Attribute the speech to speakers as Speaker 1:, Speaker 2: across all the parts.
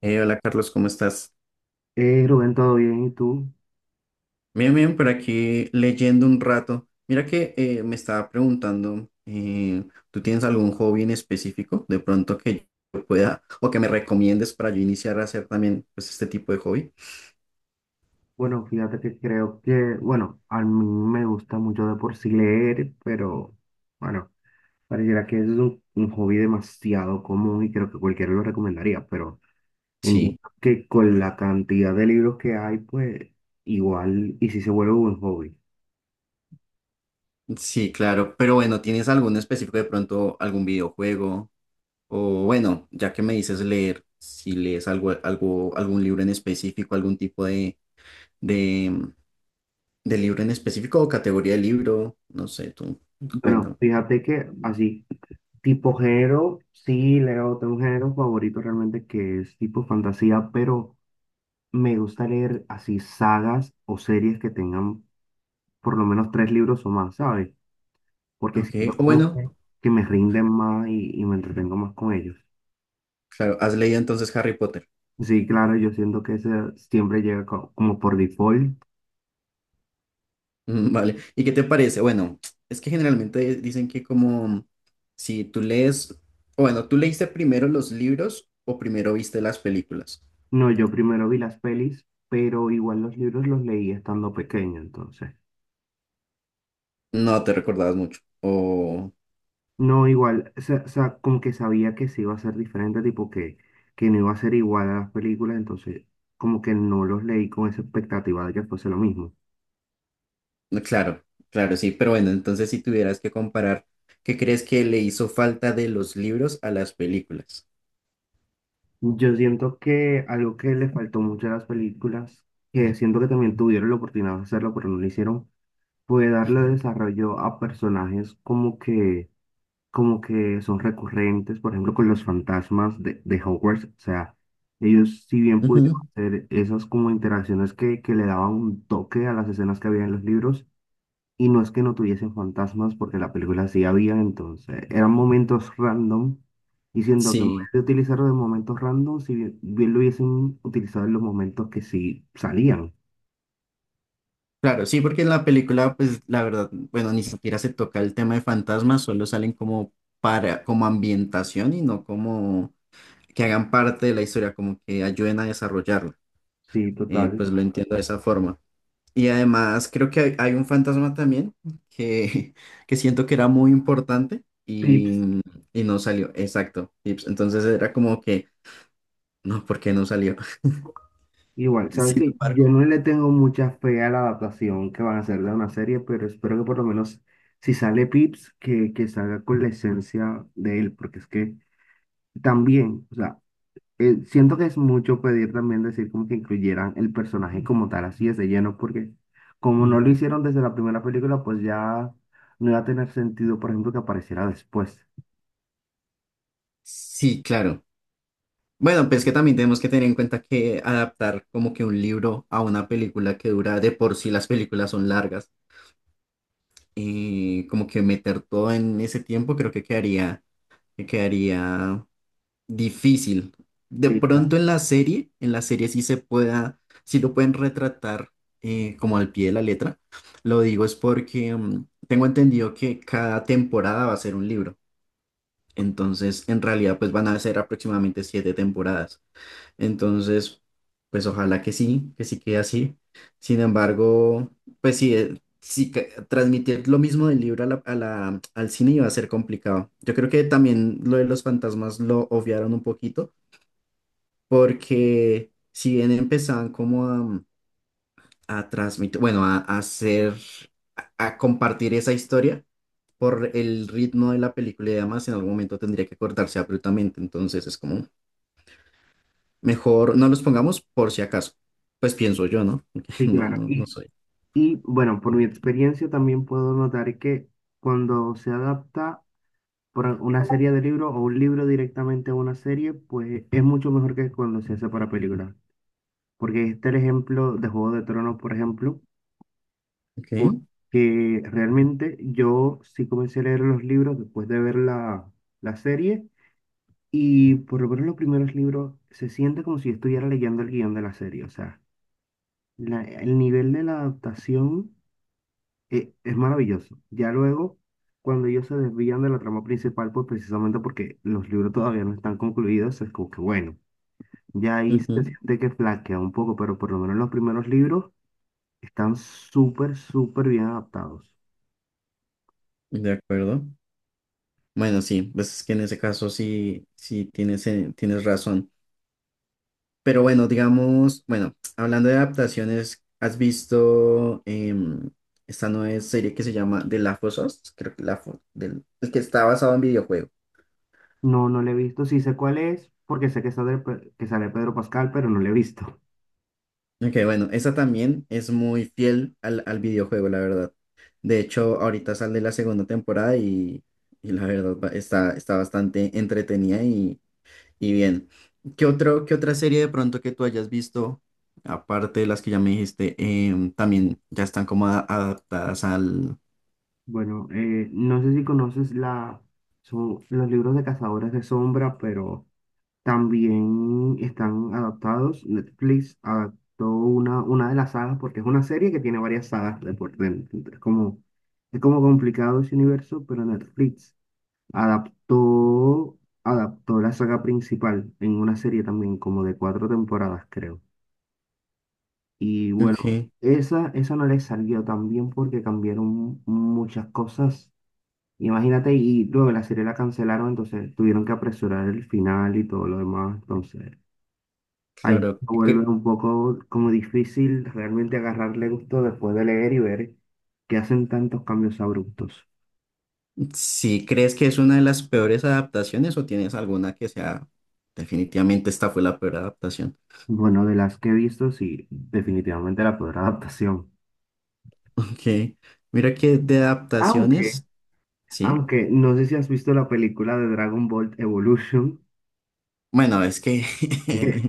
Speaker 1: Hola Carlos, ¿cómo estás?
Speaker 2: Rubén, ¿todo bien? ¿Y tú?
Speaker 1: Bien, bien, por aquí leyendo un rato. Mira que me estaba preguntando, ¿tú tienes algún hobby en específico de pronto que yo pueda o que me recomiendes para yo iniciar a hacer también pues este tipo de hobby?
Speaker 2: Bueno, fíjate que creo que, bueno, a mí me gusta mucho de por sí leer, pero bueno, pareciera que es un hobby demasiado común y creo que cualquiera lo recomendaría, pero en
Speaker 1: Sí,
Speaker 2: que con la cantidad de libros que hay, pues igual, y si se vuelve un hobby.
Speaker 1: sí, claro, pero bueno, ¿tienes algún específico de pronto algún videojuego? O bueno, ya que me dices leer, si lees algo, algo, algún libro en específico, algún tipo de, de libro en específico o categoría de libro, no sé, tú
Speaker 2: Bueno,
Speaker 1: cuéntame.
Speaker 2: fíjate que así, tipo género, sí leo, tengo un género favorito realmente que es tipo fantasía, pero me gusta leer así sagas o series que tengan por lo menos tres libros o más, ¿sabes? Porque
Speaker 1: Ok,
Speaker 2: siento
Speaker 1: o
Speaker 2: como
Speaker 1: bueno,
Speaker 2: que me rinden más y me entretengo más con ellos.
Speaker 1: claro, has leído entonces Harry Potter.
Speaker 2: Sí, claro, yo siento que eso siempre llega como por default.
Speaker 1: Mm, vale, ¿y qué te parece? Bueno, es que generalmente dicen que como si tú lees, o bueno, tú leíste primero los libros o primero viste las películas.
Speaker 2: No, yo primero vi las pelis, pero igual los libros los leí estando pequeño, entonces.
Speaker 1: No te recordabas mucho. O,
Speaker 2: No, igual, o sea, como que sabía que sí iba a ser diferente, tipo que no iba a ser igual a las películas, entonces como que no los leí con esa expectativa de que fuese lo mismo.
Speaker 1: no, claro, claro, sí, pero bueno, entonces si tuvieras que comparar, ¿qué crees que le hizo falta de los libros a las películas?
Speaker 2: Yo siento que algo que le faltó mucho a las películas, que siento que también tuvieron la oportunidad de hacerlo, pero no lo hicieron, fue darle desarrollo a personajes como que son recurrentes, por ejemplo, con los fantasmas de Hogwarts. O sea, ellos si bien pudieron
Speaker 1: Ujú,
Speaker 2: hacer esas como interacciones que le daban un toque a las escenas que había en los libros, y no es que no tuviesen fantasmas, porque la película sí había, entonces eran momentos random. Y siento que en vez
Speaker 1: sí.
Speaker 2: de utilizarlo en momentos random, si bien, bien lo hubiesen utilizado en los momentos que sí salían.
Speaker 1: Claro, sí, porque en la película, pues la verdad, bueno, ni siquiera se toca el tema de fantasmas, solo salen como para, como ambientación y no como que hagan parte de la historia, como que ayuden a desarrollarla.
Speaker 2: Sí, total.
Speaker 1: Pues lo entiendo de esa forma. Y además creo que hay un fantasma también que, que siento que era muy importante
Speaker 2: Pips.
Speaker 1: y no salió, exacto. Y, pues, entonces era como que, no, ¿por qué no salió?
Speaker 2: Igual, sabes
Speaker 1: Sin
Speaker 2: que yo
Speaker 1: embargo,
Speaker 2: no le tengo mucha fe a la adaptación que van a hacer de una serie, pero espero que por lo menos si sale Pips, que salga con la esencia de él, porque es que también, o sea, siento que es mucho pedir también decir como que incluyeran el personaje como tal, así es de lleno, porque como no lo hicieron desde la primera película, pues ya no iba a tener sentido, por ejemplo, que apareciera después.
Speaker 1: sí, claro. Bueno, pues que también tenemos que tener en cuenta que adaptar como que un libro a una película que dura de por sí las películas son largas y como que meter todo en ese tiempo creo que quedaría difícil. De
Speaker 2: Sí, claro.
Speaker 1: pronto en la serie sí se pueda, sí lo pueden retratar como al pie de la letra. Lo digo es porque tengo entendido que cada temporada va a ser un libro. Entonces, en realidad, pues van a ser aproximadamente 7 temporadas. Entonces, pues ojalá que sí quede así. Sin embargo, pues sí, sí que transmitir lo mismo del libro al cine iba a ser complicado. Yo creo que también lo de los fantasmas lo obviaron un poquito, porque si bien empezaban como a transmitir, bueno, a hacer, a compartir esa historia por el ritmo de la película y demás, en algún momento tendría que cortarse abruptamente. Entonces es como... Mejor no los pongamos por si acaso. Pues pienso yo, ¿no?
Speaker 2: Sí,
Speaker 1: No,
Speaker 2: claro.
Speaker 1: no, no soy.
Speaker 2: Y bueno, por mi experiencia también puedo notar que cuando se adapta por una serie de libros o un libro directamente a una serie, pues es mucho mejor que cuando se hace para película. Porque este es el ejemplo de Juego de Tronos, por ejemplo.
Speaker 1: Ok.
Speaker 2: Porque realmente yo sí comencé a leer los libros después de ver la, la serie y por lo menos los primeros libros se siente como si yo estuviera leyendo el guión de la serie. O sea, el nivel de la adaptación es maravilloso. Ya luego, cuando ellos se desvían de la trama principal, pues precisamente porque los libros todavía no están concluidos, es como que bueno, ya ahí se
Speaker 1: Ujú,
Speaker 2: siente que flaquea un poco, pero por lo menos los primeros libros están súper, súper bien adaptados.
Speaker 1: de acuerdo. Bueno, sí, pues es que en ese caso sí, sí tienes, tienes razón. Pero bueno, digamos, bueno, hablando de adaptaciones, ¿has visto esta nueva serie que se llama The Last of Us? Creo que el que está basado en videojuego.
Speaker 2: No, no le he visto. Sí sé cuál es, porque sé que sale, que sale Pedro Pascal, pero no le he visto.
Speaker 1: Ok, bueno, esa también es muy fiel al, al videojuego, la verdad. De hecho, ahorita sale la segunda temporada y la verdad está, está bastante entretenida y bien. ¿Qué otro, qué otra serie de pronto que tú hayas visto, aparte de las que ya me dijiste, también ya están como adaptadas al...
Speaker 2: Bueno, no sé si conoces la, son los libros de Cazadores de Sombra, pero también están adaptados. Netflix adaptó una de las sagas, porque es una serie que tiene varias sagas de por dentro. Es como complicado ese universo, pero Netflix adaptó, adaptó la saga principal en una serie también, como de cuatro temporadas, creo. Y bueno,
Speaker 1: Ok,
Speaker 2: esa no le salió tan bien porque cambiaron muchas cosas. Imagínate, y luego la serie la cancelaron, entonces tuvieron que apresurar el final y todo lo demás. Entonces, ahí
Speaker 1: claro.
Speaker 2: se vuelve
Speaker 1: ¿Qué-
Speaker 2: un poco como difícil realmente agarrarle gusto después de leer y ver que hacen tantos cambios abruptos.
Speaker 1: Si crees que es una de las peores adaptaciones o tienes alguna que sea, definitivamente esta fue la peor adaptación.
Speaker 2: Bueno, de las que he visto, sí, definitivamente la peor adaptación.
Speaker 1: Ok, mira que de
Speaker 2: Aunque,
Speaker 1: adaptaciones, sí.
Speaker 2: aunque, no sé si has visto la película de Dragon Ball Evolution.
Speaker 1: Bueno, es que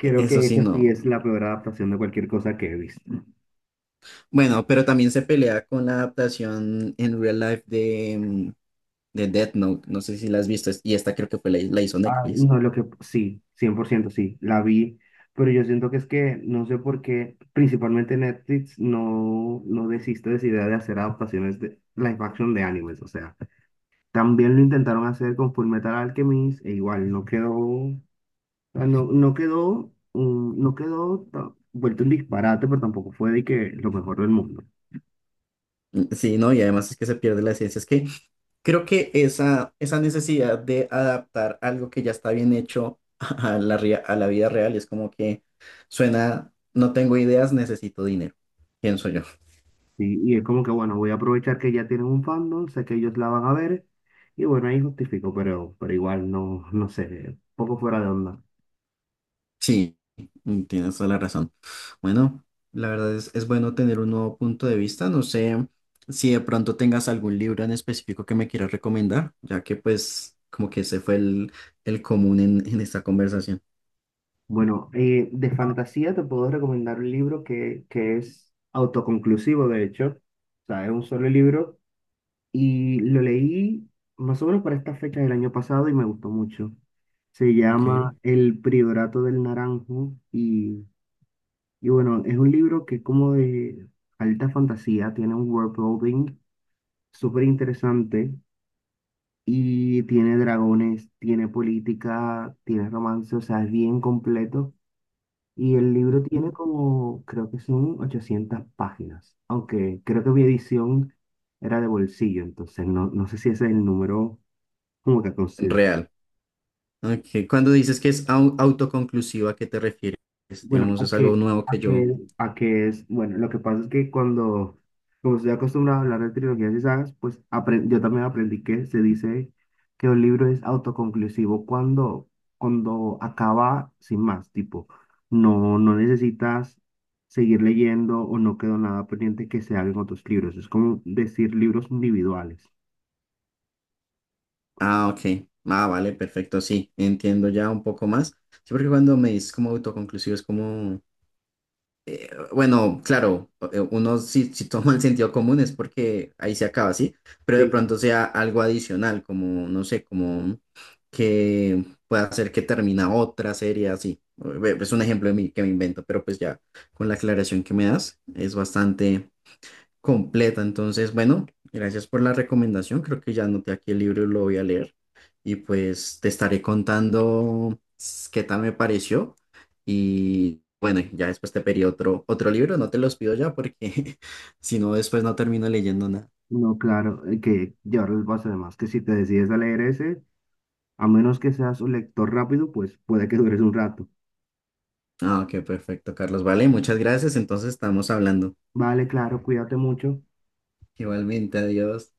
Speaker 1: eso
Speaker 2: que
Speaker 1: sí
Speaker 2: esa sí
Speaker 1: no.
Speaker 2: es la peor adaptación de cualquier cosa que he visto.
Speaker 1: Bueno, pero también se pelea con la adaptación en real life de, de Death Note. No sé si la has visto. Y esta creo que fue la, la hizo
Speaker 2: Ah,
Speaker 1: Netflix.
Speaker 2: no, lo que sí, 100% sí, la vi, pero yo siento que es que no sé por qué, principalmente Netflix no desiste de esa idea de hacer adaptaciones de live action de animes, o sea, también lo intentaron hacer con Fullmetal Alchemist e igual no quedó, o sea, no quedó, no quedó vuelto un disparate, pero tampoco fue de que lo mejor del mundo.
Speaker 1: Mm, sí, ¿no? Y además es que se pierde la esencia. Es que creo que esa necesidad de adaptar algo que ya está bien hecho a la, a la vida real es como que suena, no tengo ideas, necesito dinero. Pienso yo.
Speaker 2: Sí, y es como que, bueno, voy a aprovechar que ya tienen un fandom, sé que ellos la van a ver, y bueno, ahí justifico, pero igual no, no sé, poco fuera de onda.
Speaker 1: Sí, tienes toda la razón. Bueno, la verdad es bueno tener un nuevo punto de vista. No sé si de pronto tengas algún libro en específico que me quieras recomendar, ya que pues como que ese fue el común en esta conversación.
Speaker 2: Bueno, de fantasía te puedo recomendar un libro que es autoconclusivo, de hecho, o sea, es un solo libro, y lo leí más o menos para esta fecha del año pasado y me gustó mucho. Se llama
Speaker 1: Ok.
Speaker 2: El Priorato del Naranjo y bueno, es un libro que es como de alta fantasía, tiene un world building súper interesante y tiene dragones, tiene política, tiene romance, o sea, es bien completo. Y el libro tiene
Speaker 1: Ujú.
Speaker 2: como, creo que son 800 páginas, aunque creo que mi edición era de bolsillo, entonces no, no sé si ese es el número como que considero.
Speaker 1: Real. Ok. Cuando dices que es autoconclusiva, ¿a qué te refieres?
Speaker 2: Bueno,
Speaker 1: Digamos,
Speaker 2: a
Speaker 1: es algo
Speaker 2: que,
Speaker 1: nuevo
Speaker 2: a
Speaker 1: que yo...
Speaker 2: que, a que es, bueno, lo que pasa es que cuando, como estoy acostumbrado a hablar de trilogías y sagas, pues yo también aprendí que se dice que un libro es autoconclusivo cuando, cuando acaba sin más, tipo, no, no necesitas seguir leyendo o no quedó nada pendiente que se haga en otros libros. Es como decir libros individuales.
Speaker 1: Ah, ok. Ah, vale, perfecto. Sí, entiendo ya un poco más. Sí, porque cuando me dices como autoconclusivo es como... Bueno, claro, uno si, si toma el sentido común es porque ahí se acaba, ¿sí? Pero
Speaker 2: Sí,
Speaker 1: de
Speaker 2: sí.
Speaker 1: pronto sea algo adicional, como, no sé, como que pueda hacer que termina otra serie así. Es un ejemplo de mí que me invento, pero pues ya con la aclaración que me das es bastante, completa. Entonces, bueno, gracias por la recomendación. Creo que ya anoté aquí el libro y lo voy a leer. Y pues te estaré contando qué tal me pareció. Y bueno, ya después te pedí otro, otro libro. No te los pido ya porque si no, después no termino leyendo nada.
Speaker 2: No, claro, que llevarles el paso de más, que si te decides a leer ese, a menos que seas un lector rápido, pues puede que dures un rato.
Speaker 1: Ah, ok, perfecto, Carlos. Vale, muchas gracias. Entonces estamos hablando.
Speaker 2: Vale, claro, cuídate mucho.
Speaker 1: Igualmente, adiós.